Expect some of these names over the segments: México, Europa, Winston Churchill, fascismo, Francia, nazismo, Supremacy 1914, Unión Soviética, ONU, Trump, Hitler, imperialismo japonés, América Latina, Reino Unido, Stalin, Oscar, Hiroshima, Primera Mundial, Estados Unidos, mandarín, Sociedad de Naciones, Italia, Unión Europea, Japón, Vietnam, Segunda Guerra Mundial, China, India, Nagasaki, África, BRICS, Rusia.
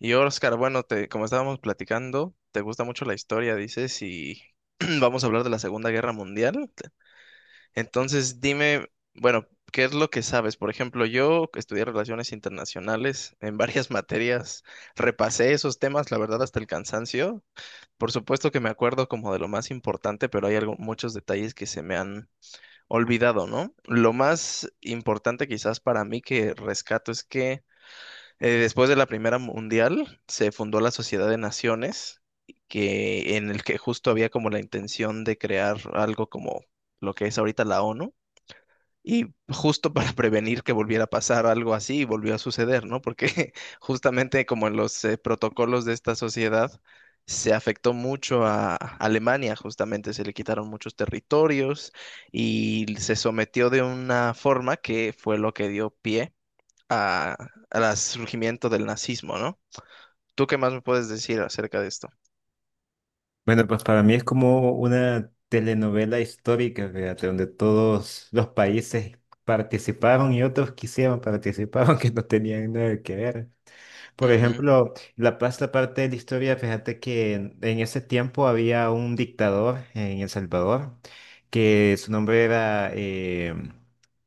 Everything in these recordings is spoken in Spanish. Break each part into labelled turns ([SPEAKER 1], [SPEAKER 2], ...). [SPEAKER 1] Y Oscar, bueno, te, como estábamos platicando, te gusta mucho la historia, dices, y vamos a hablar de la Segunda Guerra Mundial. Entonces, dime, bueno, ¿qué es lo que sabes? Por ejemplo, yo estudié relaciones internacionales en varias materias, repasé esos temas, la verdad, hasta el cansancio. Por supuesto que me acuerdo como de lo más importante, pero hay algo- muchos detalles que se me han olvidado, ¿no? Lo más importante quizás para mí que rescato es que después de la Primera Mundial se fundó la Sociedad de Naciones, que en el que justo había como la intención de crear algo como lo que es ahorita la ONU. Y justo para prevenir que volviera a pasar algo así, y volvió a suceder, ¿no? Porque justamente como en los protocolos de esta sociedad, se afectó mucho a Alemania, justamente se le quitaron muchos territorios y se sometió de una forma que fue lo que dio pie a, al surgimiento del nazismo, ¿no? ¿Tú qué más me puedes decir acerca de esto?
[SPEAKER 2] Bueno, pues para mí es como una telenovela histórica, fíjate, donde todos los países participaron y otros quisieron participar, aunque no tenían nada que ver. Por
[SPEAKER 1] Ujú,
[SPEAKER 2] ejemplo, La Paz, la parte de la historia, fíjate que en ese tiempo había un dictador en El Salvador, que su nombre era,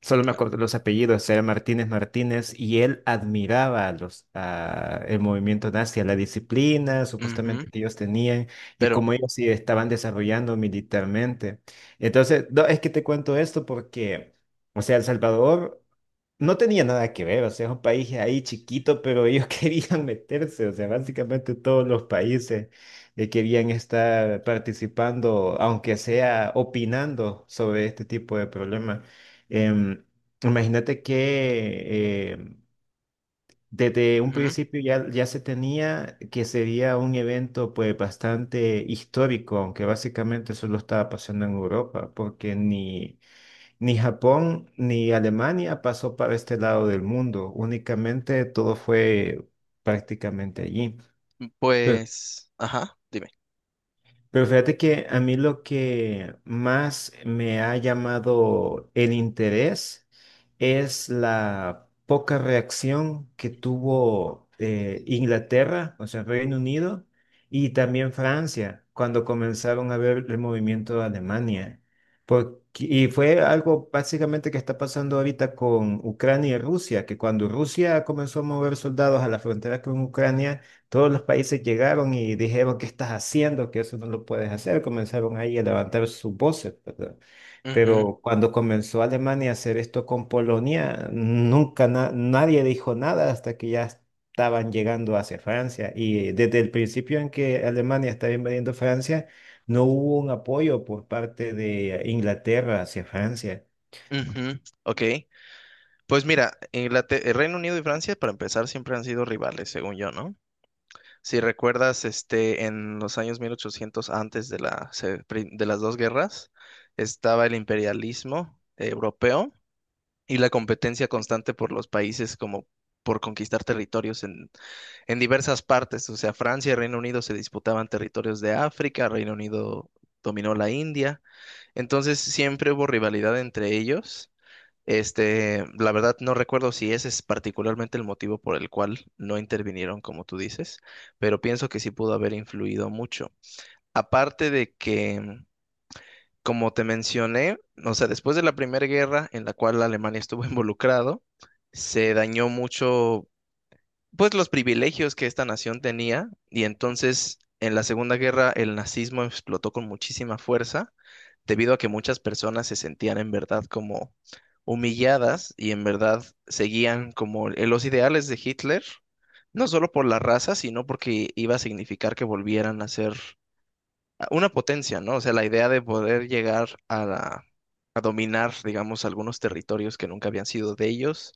[SPEAKER 2] solo me acuerdo los apellidos, era Martínez Martínez, y él admiraba a el movimiento nazi, a la disciplina
[SPEAKER 1] ujú,
[SPEAKER 2] supuestamente que ellos tenían, y
[SPEAKER 1] pero,
[SPEAKER 2] cómo ellos se estaban desarrollando militarmente. Entonces, no, es que te cuento esto porque, o sea, El Salvador no tenía nada que ver, o sea, es un país ahí chiquito, pero ellos querían meterse, o sea, básicamente todos los países querían estar participando, aunque sea opinando sobre este tipo de problemas. Em, imagínate que desde un
[SPEAKER 1] ujú,
[SPEAKER 2] principio ya se tenía que sería un evento pues bastante histórico, aunque básicamente solo estaba pasando en Europa, porque ni... ni Japón ni Alemania pasó para este lado del mundo, únicamente todo fue prácticamente allí.
[SPEAKER 1] pues, ajá, dime.
[SPEAKER 2] Pero fíjate que a mí lo que más me ha llamado el interés es la poca reacción que tuvo Inglaterra, o sea, Reino Unido, y también Francia, cuando comenzaron a ver el movimiento de Alemania. Porque- y fue algo básicamente que está pasando ahorita con Ucrania y Rusia, que cuando Rusia comenzó a mover soldados a la frontera con Ucrania, todos los países llegaron y dijeron, ¿qué estás haciendo? Que eso no lo puedes hacer. Comenzaron ahí a levantar sus voces, ¿verdad?
[SPEAKER 1] Ujú,
[SPEAKER 2] Pero cuando comenzó Alemania a hacer esto con Polonia, nunca na- nadie dijo nada hasta que ya estaban llegando hacia Francia. Y desde el principio en que Alemania estaba invadiendo Francia, no hubo un apoyo por parte de Inglaterra hacia Francia.
[SPEAKER 1] ujú, ok, pues mira, Inglater- el Reino Unido y Francia, para empezar, siempre han sido rivales, según yo, ¿no? Si recuerdas, este, en los años 1800 antes de la, se- pri- de las dos guerras, estaba el imperialismo europeo y la competencia constante por los países como por conquistar territorios en diversas partes. O sea, Francia y Reino Unido se disputaban territorios de África, Reino Unido dominó la India. Entonces siempre hubo rivalidad entre ellos. Este, la verdad no recuerdo si ese es particularmente el motivo por el cual no intervinieron, como tú dices, pero pienso que sí pudo haber influido mucho. Aparte de que como te mencioné, o sea, después de la Primera Guerra en la cual Alemania estuvo involucrado, se dañó mucho, pues, los privilegios que esta nación tenía y entonces en la Segunda Guerra el nazismo explotó con muchísima fuerza debido a que muchas personas se sentían en verdad como humilladas y en verdad seguían como el- los ideales de Hitler, no solo por la raza, sino porque iba a significar que volvieran a ser una potencia, ¿no? O sea, la idea de poder llegar a la a dominar, digamos, algunos territorios que nunca habían sido de ellos.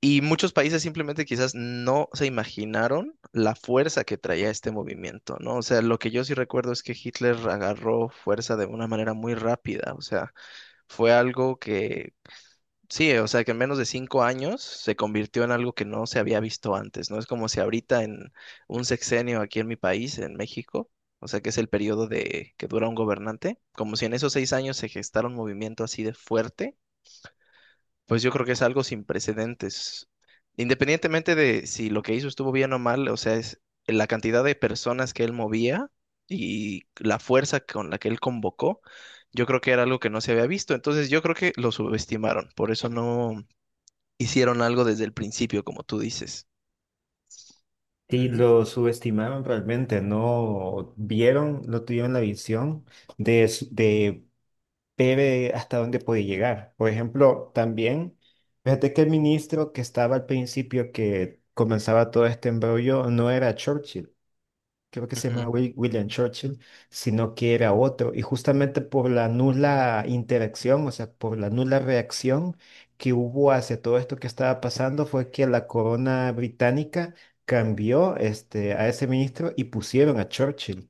[SPEAKER 1] Y muchos países simplemente quizás no se imaginaron la fuerza que traía este movimiento, ¿no? O sea, lo que yo sí recuerdo es que Hitler agarró fuerza de una manera muy rápida, o sea, fue algo que, sí, o sea, que en menos de cinco años se convirtió en algo que no se había visto antes, ¿no? Es como si ahorita en un sexenio aquí en mi país, en México, o sea, que es el periodo de que dura un gobernante, como si en esos seis años se gestara un movimiento así de fuerte pues yo creo que es algo sin precedentes. Independientemente de si lo que hizo estuvo bien o mal, o sea, es la cantidad de personas que él movía y la fuerza con la que él convocó, yo creo que era algo que no se había visto. Entonces yo creo que lo subestimaron, por eso no hicieron algo desde el principio, como tú dices.
[SPEAKER 2] Sí,
[SPEAKER 1] Ujú,
[SPEAKER 2] lo subestimaron realmente, no vieron, no tuvieron la visión de ve ve hasta dónde puede llegar. Por ejemplo, también, fíjate que el ministro que estaba al principio que comenzaba todo este embrollo no era Churchill, creo que se
[SPEAKER 1] ujú,
[SPEAKER 2] llamaba William Churchill, sino que era otro. Y justamente por la nula interacción, o sea, por la nula reacción que hubo hacia todo esto que estaba pasando, fue que la corona británica cambió este, a ese ministro y pusieron a Churchill.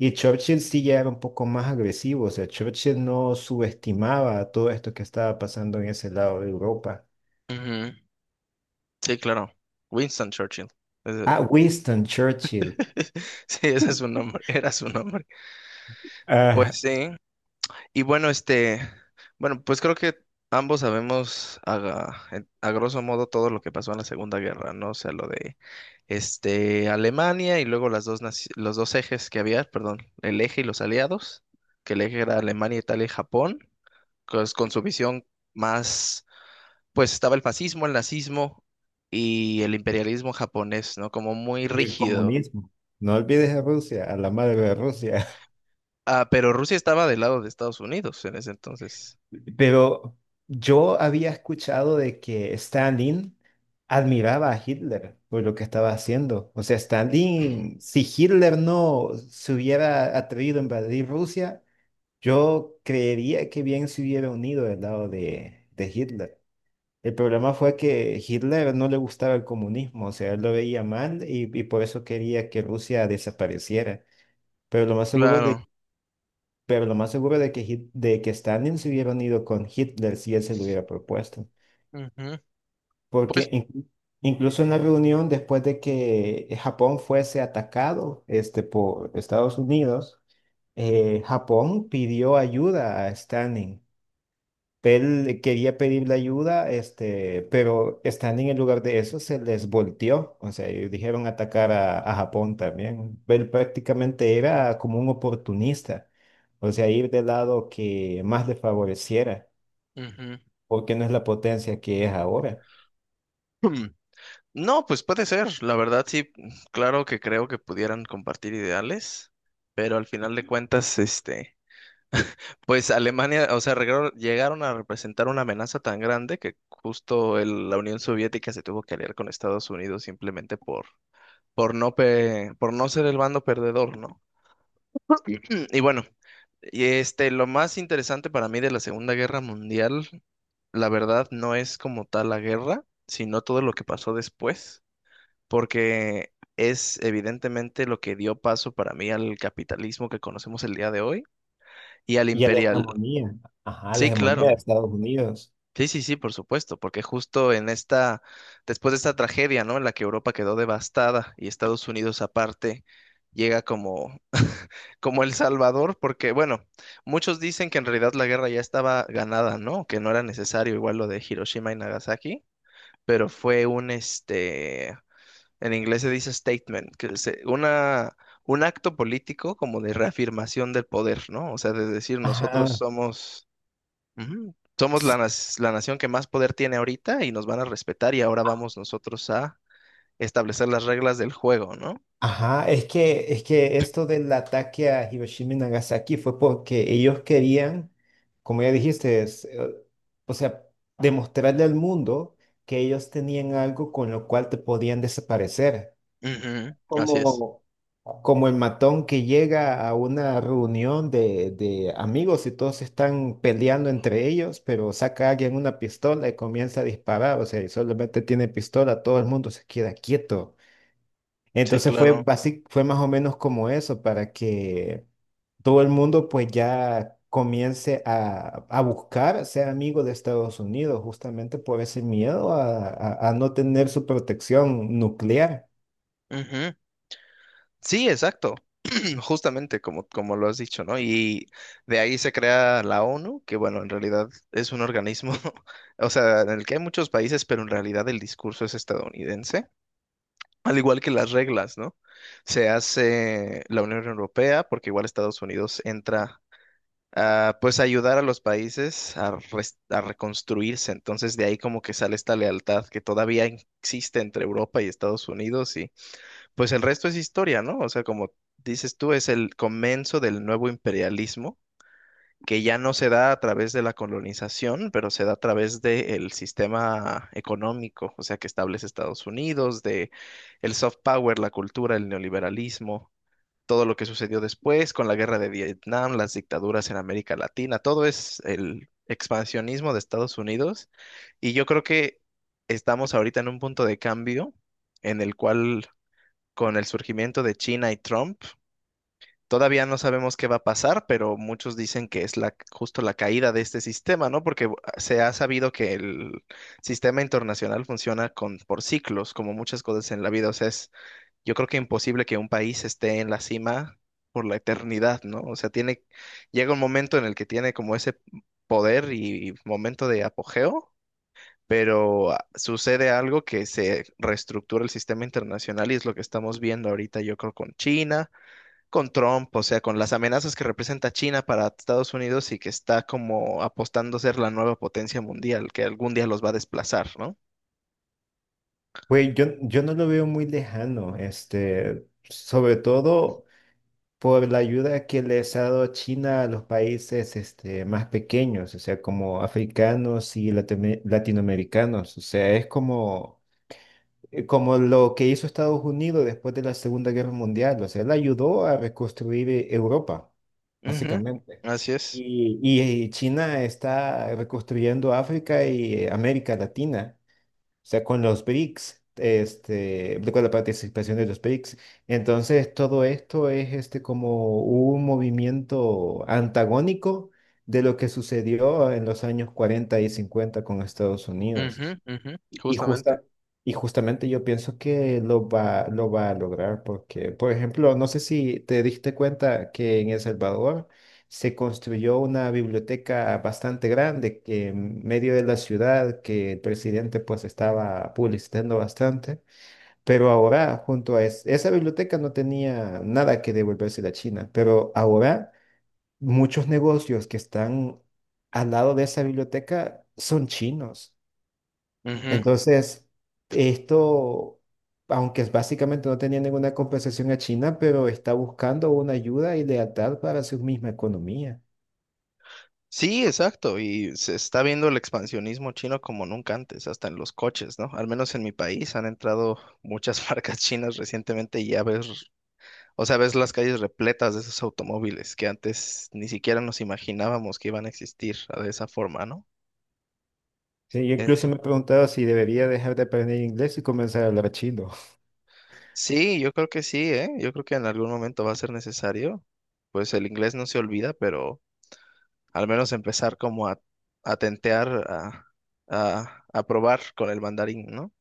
[SPEAKER 2] Y Churchill sí ya era un poco más agresivo, o sea, Churchill no subestimaba todo esto que estaba pasando en ese lado de Europa.
[SPEAKER 1] ujú. Sí, claro. Winston Churchill. Ese-
[SPEAKER 2] Ah, Winston Churchill.
[SPEAKER 1] Sí, ese es su nombre, era su nombre. Pues
[SPEAKER 2] Ah,
[SPEAKER 1] sí. Y bueno, este, bueno, pues creo que ambos sabemos a, en- a grosso modo todo lo que pasó en la Segunda Guerra, ¿no? O sea, lo de este Alemania y luego las dos naci- los dos ejes que había, perdón, el eje y los aliados, que el eje era Alemania, Italia y Japón, pues, con su visión más, pues estaba el fascismo, el nazismo y el imperialismo japonés, ¿no? Como muy
[SPEAKER 2] y el
[SPEAKER 1] rígido.
[SPEAKER 2] comunismo. No olvides a Rusia, a la madre de Rusia.
[SPEAKER 1] Ah, pero Rusia estaba del lado de Estados Unidos en ese entonces.
[SPEAKER 2] Pero yo había escuchado de que Stalin admiraba a Hitler por lo que estaba haciendo. O sea, Stalin, si Hitler no se hubiera atrevido a invadir Rusia, yo creería que bien se hubiera unido del lado de Hitler. El problema fue que Hitler no le gustaba el comunismo, o sea, él lo veía mal y por eso quería que Rusia desapareciera. Pero lo más seguro es
[SPEAKER 1] Claro.
[SPEAKER 2] de pero lo más seguro de que Stalin se hubiera unido con Hitler si él se lo hubiera propuesto.
[SPEAKER 1] Ujú.
[SPEAKER 2] Porque
[SPEAKER 1] Pues
[SPEAKER 2] in- Incluso en la reunión, después de que Japón fuese atacado, este, por Estados Unidos, Japón pidió ayuda a Stalin, él quería pedirle ayuda, este, pero estando en el lugar de eso se les volteó, o sea, ellos dijeron atacar a Japón también. Él prácticamente era como un oportunista, o sea, ir del lado que más le favoreciera,
[SPEAKER 1] ujú.
[SPEAKER 2] porque no es la potencia que es ahora.
[SPEAKER 1] Hmm, No, pues puede ser, la verdad sí, claro que creo que pudieran compartir ideales, pero al final de cuentas, este, pues Alemania, o sea, regro- llegaron a representar una amenaza tan grande que justo el- la Unión Soviética se tuvo que aliar con Estados Unidos simplemente por no pe- por no ser el bando perdedor, ¿no? Y bueno, y este, lo más interesante para mí de la Segunda Guerra Mundial, la verdad, no es como tal la guerra, sino todo lo que pasó después porque es evidentemente lo que dio paso para mí al capitalismo que conocemos el día de hoy y al
[SPEAKER 2] Y a la
[SPEAKER 1] imperial.
[SPEAKER 2] hegemonía, ajá, la
[SPEAKER 1] Sí, claro.
[SPEAKER 2] hegemonía de Estados Unidos.
[SPEAKER 1] Sí, sí, sí, por supuesto, porque justo en esta, después de esta tragedia, ¿no? En la que Europa quedó devastada y Estados Unidos aparte llega como, como el Salvador, porque bueno, muchos dicen que en realidad la guerra ya estaba ganada, ¿no? Que no era necesario igual lo de Hiroshima y Nagasaki, pero fue un, este, en inglés se dice statement, que es una, un acto político como de reafirmación del poder, ¿no? O sea, de decir nosotros
[SPEAKER 2] Ajá.
[SPEAKER 1] somos, ujú, somos la, nas- la nación que más poder tiene ahorita y nos van a respetar y ahora vamos nosotros a establecer las reglas del juego, ¿no?
[SPEAKER 2] Ajá, es que esto del ataque a Hiroshima y Nagasaki fue porque ellos querían, como ya dijiste, o sea, demostrarle al mundo que ellos tenían algo con lo cual te podían desaparecer.
[SPEAKER 1] Ujú, así es.
[SPEAKER 2] Como, como el matón que llega a una reunión de amigos y todos están peleando entre ellos, pero saca a alguien una pistola y comienza a disparar, o sea, y solamente tiene pistola, todo el mundo se queda quieto.
[SPEAKER 1] Sí,
[SPEAKER 2] Entonces
[SPEAKER 1] claro.
[SPEAKER 2] fue más o menos como eso, para que todo el mundo pues ya comience a buscar ser amigo de Estados Unidos, justamente por ese miedo a no tener su protección nuclear.
[SPEAKER 1] Ujú. Sí, exacto. Justamente como, como lo has dicho, ¿no? Y de ahí se crea la ONU, que bueno, en realidad es un organismo, o sea, en el que hay muchos países, pero en realidad el discurso es estadounidense, al igual que las reglas, ¿no? Se hace la Unión Europea, porque igual Estados Unidos entra a, pues, ayudar a los países a, res- a reconstruirse. Entonces, de ahí como que sale esta lealtad que todavía existe entre Europa y Estados Unidos pues el resto es historia, ¿no? O sea, como dices tú, es el comienzo del nuevo imperialismo, que ya no se da a través de la colonización, pero se da a través del sistema económico, o sea, que establece Estados Unidos, de el soft power, la cultura, el neoliberalismo, todo lo que sucedió después con la guerra de Vietnam, las dictaduras en América Latina, todo es el expansionismo de Estados Unidos. Y yo creo que estamos ahorita en un punto de cambio en el cual con el surgimiento de China y Trump. Todavía no sabemos qué va a pasar, pero muchos dicen que es la, justo la caída de este sistema, ¿no? Porque se ha sabido que el sistema internacional funciona con, por ciclos, como muchas cosas en la vida. O sea, es, yo creo que imposible que un país esté en la cima por la eternidad, ¿no? O sea, tiene, llega un momento en el que tiene como ese poder y momento de apogeo pero sucede algo que se reestructura el sistema internacional y es lo que estamos viendo ahorita, yo creo, con China, con Trump, o sea, con las amenazas que representa China para Estados Unidos y que está como apostando a ser la nueva potencia mundial, que algún día los va a desplazar, ¿no?
[SPEAKER 2] Pues yo no lo veo muy lejano, este, sobre todo por la ayuda que les ha dado China a los países, este, más pequeños, o sea, como africanos y latinoamericanos. O sea, es como como lo que hizo Estados Unidos después de la Segunda Guerra Mundial. O sea, él ayudó a reconstruir Europa,
[SPEAKER 1] Ujú,
[SPEAKER 2] básicamente.
[SPEAKER 1] así es.
[SPEAKER 2] Y China está reconstruyendo África y América Latina, o sea, con los BRICS, este, con la participación de los BRICS. Entonces, todo esto es este, como un movimiento antagónico de lo que sucedió en los años 40 y 50 con Estados Unidos.
[SPEAKER 1] Ujú, ujú,
[SPEAKER 2] Y,
[SPEAKER 1] justamente.
[SPEAKER 2] justa, y justamente yo pienso que lo va a lograr porque, por ejemplo, no sé si te diste cuenta que en El Salvador se construyó una biblioteca bastante grande que en medio de la ciudad, que el presidente pues estaba publicitando bastante, pero ahora junto a esa biblioteca no tenía nada que devolverse a China, pero ahora muchos negocios que están al lado de esa biblioteca son chinos.
[SPEAKER 1] Ujú.
[SPEAKER 2] Entonces, esto, aunque es básicamente no tenía ninguna compensación a China, pero está buscando una ayuda y lealtad para su misma economía.
[SPEAKER 1] Sí, exacto. Y se está viendo el expansionismo chino como nunca antes, hasta en los coches, ¿no? Al menos en mi país han entrado muchas marcas chinas recientemente y ya ves. O sea, ves las calles repletas de esos automóviles que antes ni siquiera nos imaginábamos que iban a existir de esa forma, ¿no?
[SPEAKER 2] Sí, yo incluso
[SPEAKER 1] Eh,
[SPEAKER 2] me he preguntado si debería dejar de aprender inglés y comenzar a hablar chino.
[SPEAKER 1] sí, yo creo que sí, ¿eh? Yo creo que en algún momento va a ser necesario. Pues el inglés no se olvida, pero al menos empezar como a tentear, a probar con el mandarín, ¿no?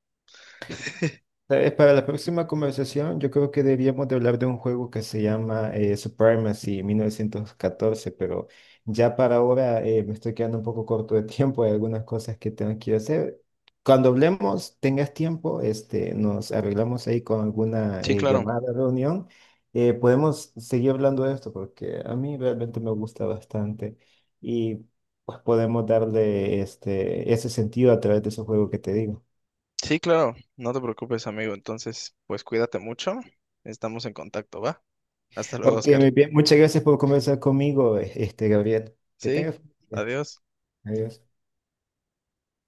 [SPEAKER 2] Para la próxima conversación, yo creo que debíamos de hablar de un juego que se llama Supremacy 1914, pero ya para ahora me estoy quedando un poco corto de tiempo, hay algunas cosas que tengo que ir a hacer. Cuando hablemos, tengas tiempo, este, nos arreglamos ahí con alguna
[SPEAKER 1] Sí, claro.
[SPEAKER 2] llamada, reunión, podemos seguir hablando de esto porque a mí realmente me gusta bastante y pues podemos darle este, ese sentido a través de ese juego que te digo.
[SPEAKER 1] Sí, claro. No te preocupes, amigo. Entonces, pues cuídate mucho. Estamos en contacto, ¿va? Hasta luego,
[SPEAKER 2] Ok,
[SPEAKER 1] Oscar.
[SPEAKER 2] muy bien. Muchas gracias por conversar conmigo, este, Gabriel. Que
[SPEAKER 1] Sí,
[SPEAKER 2] tengas buen día.
[SPEAKER 1] adiós.
[SPEAKER 2] Adiós.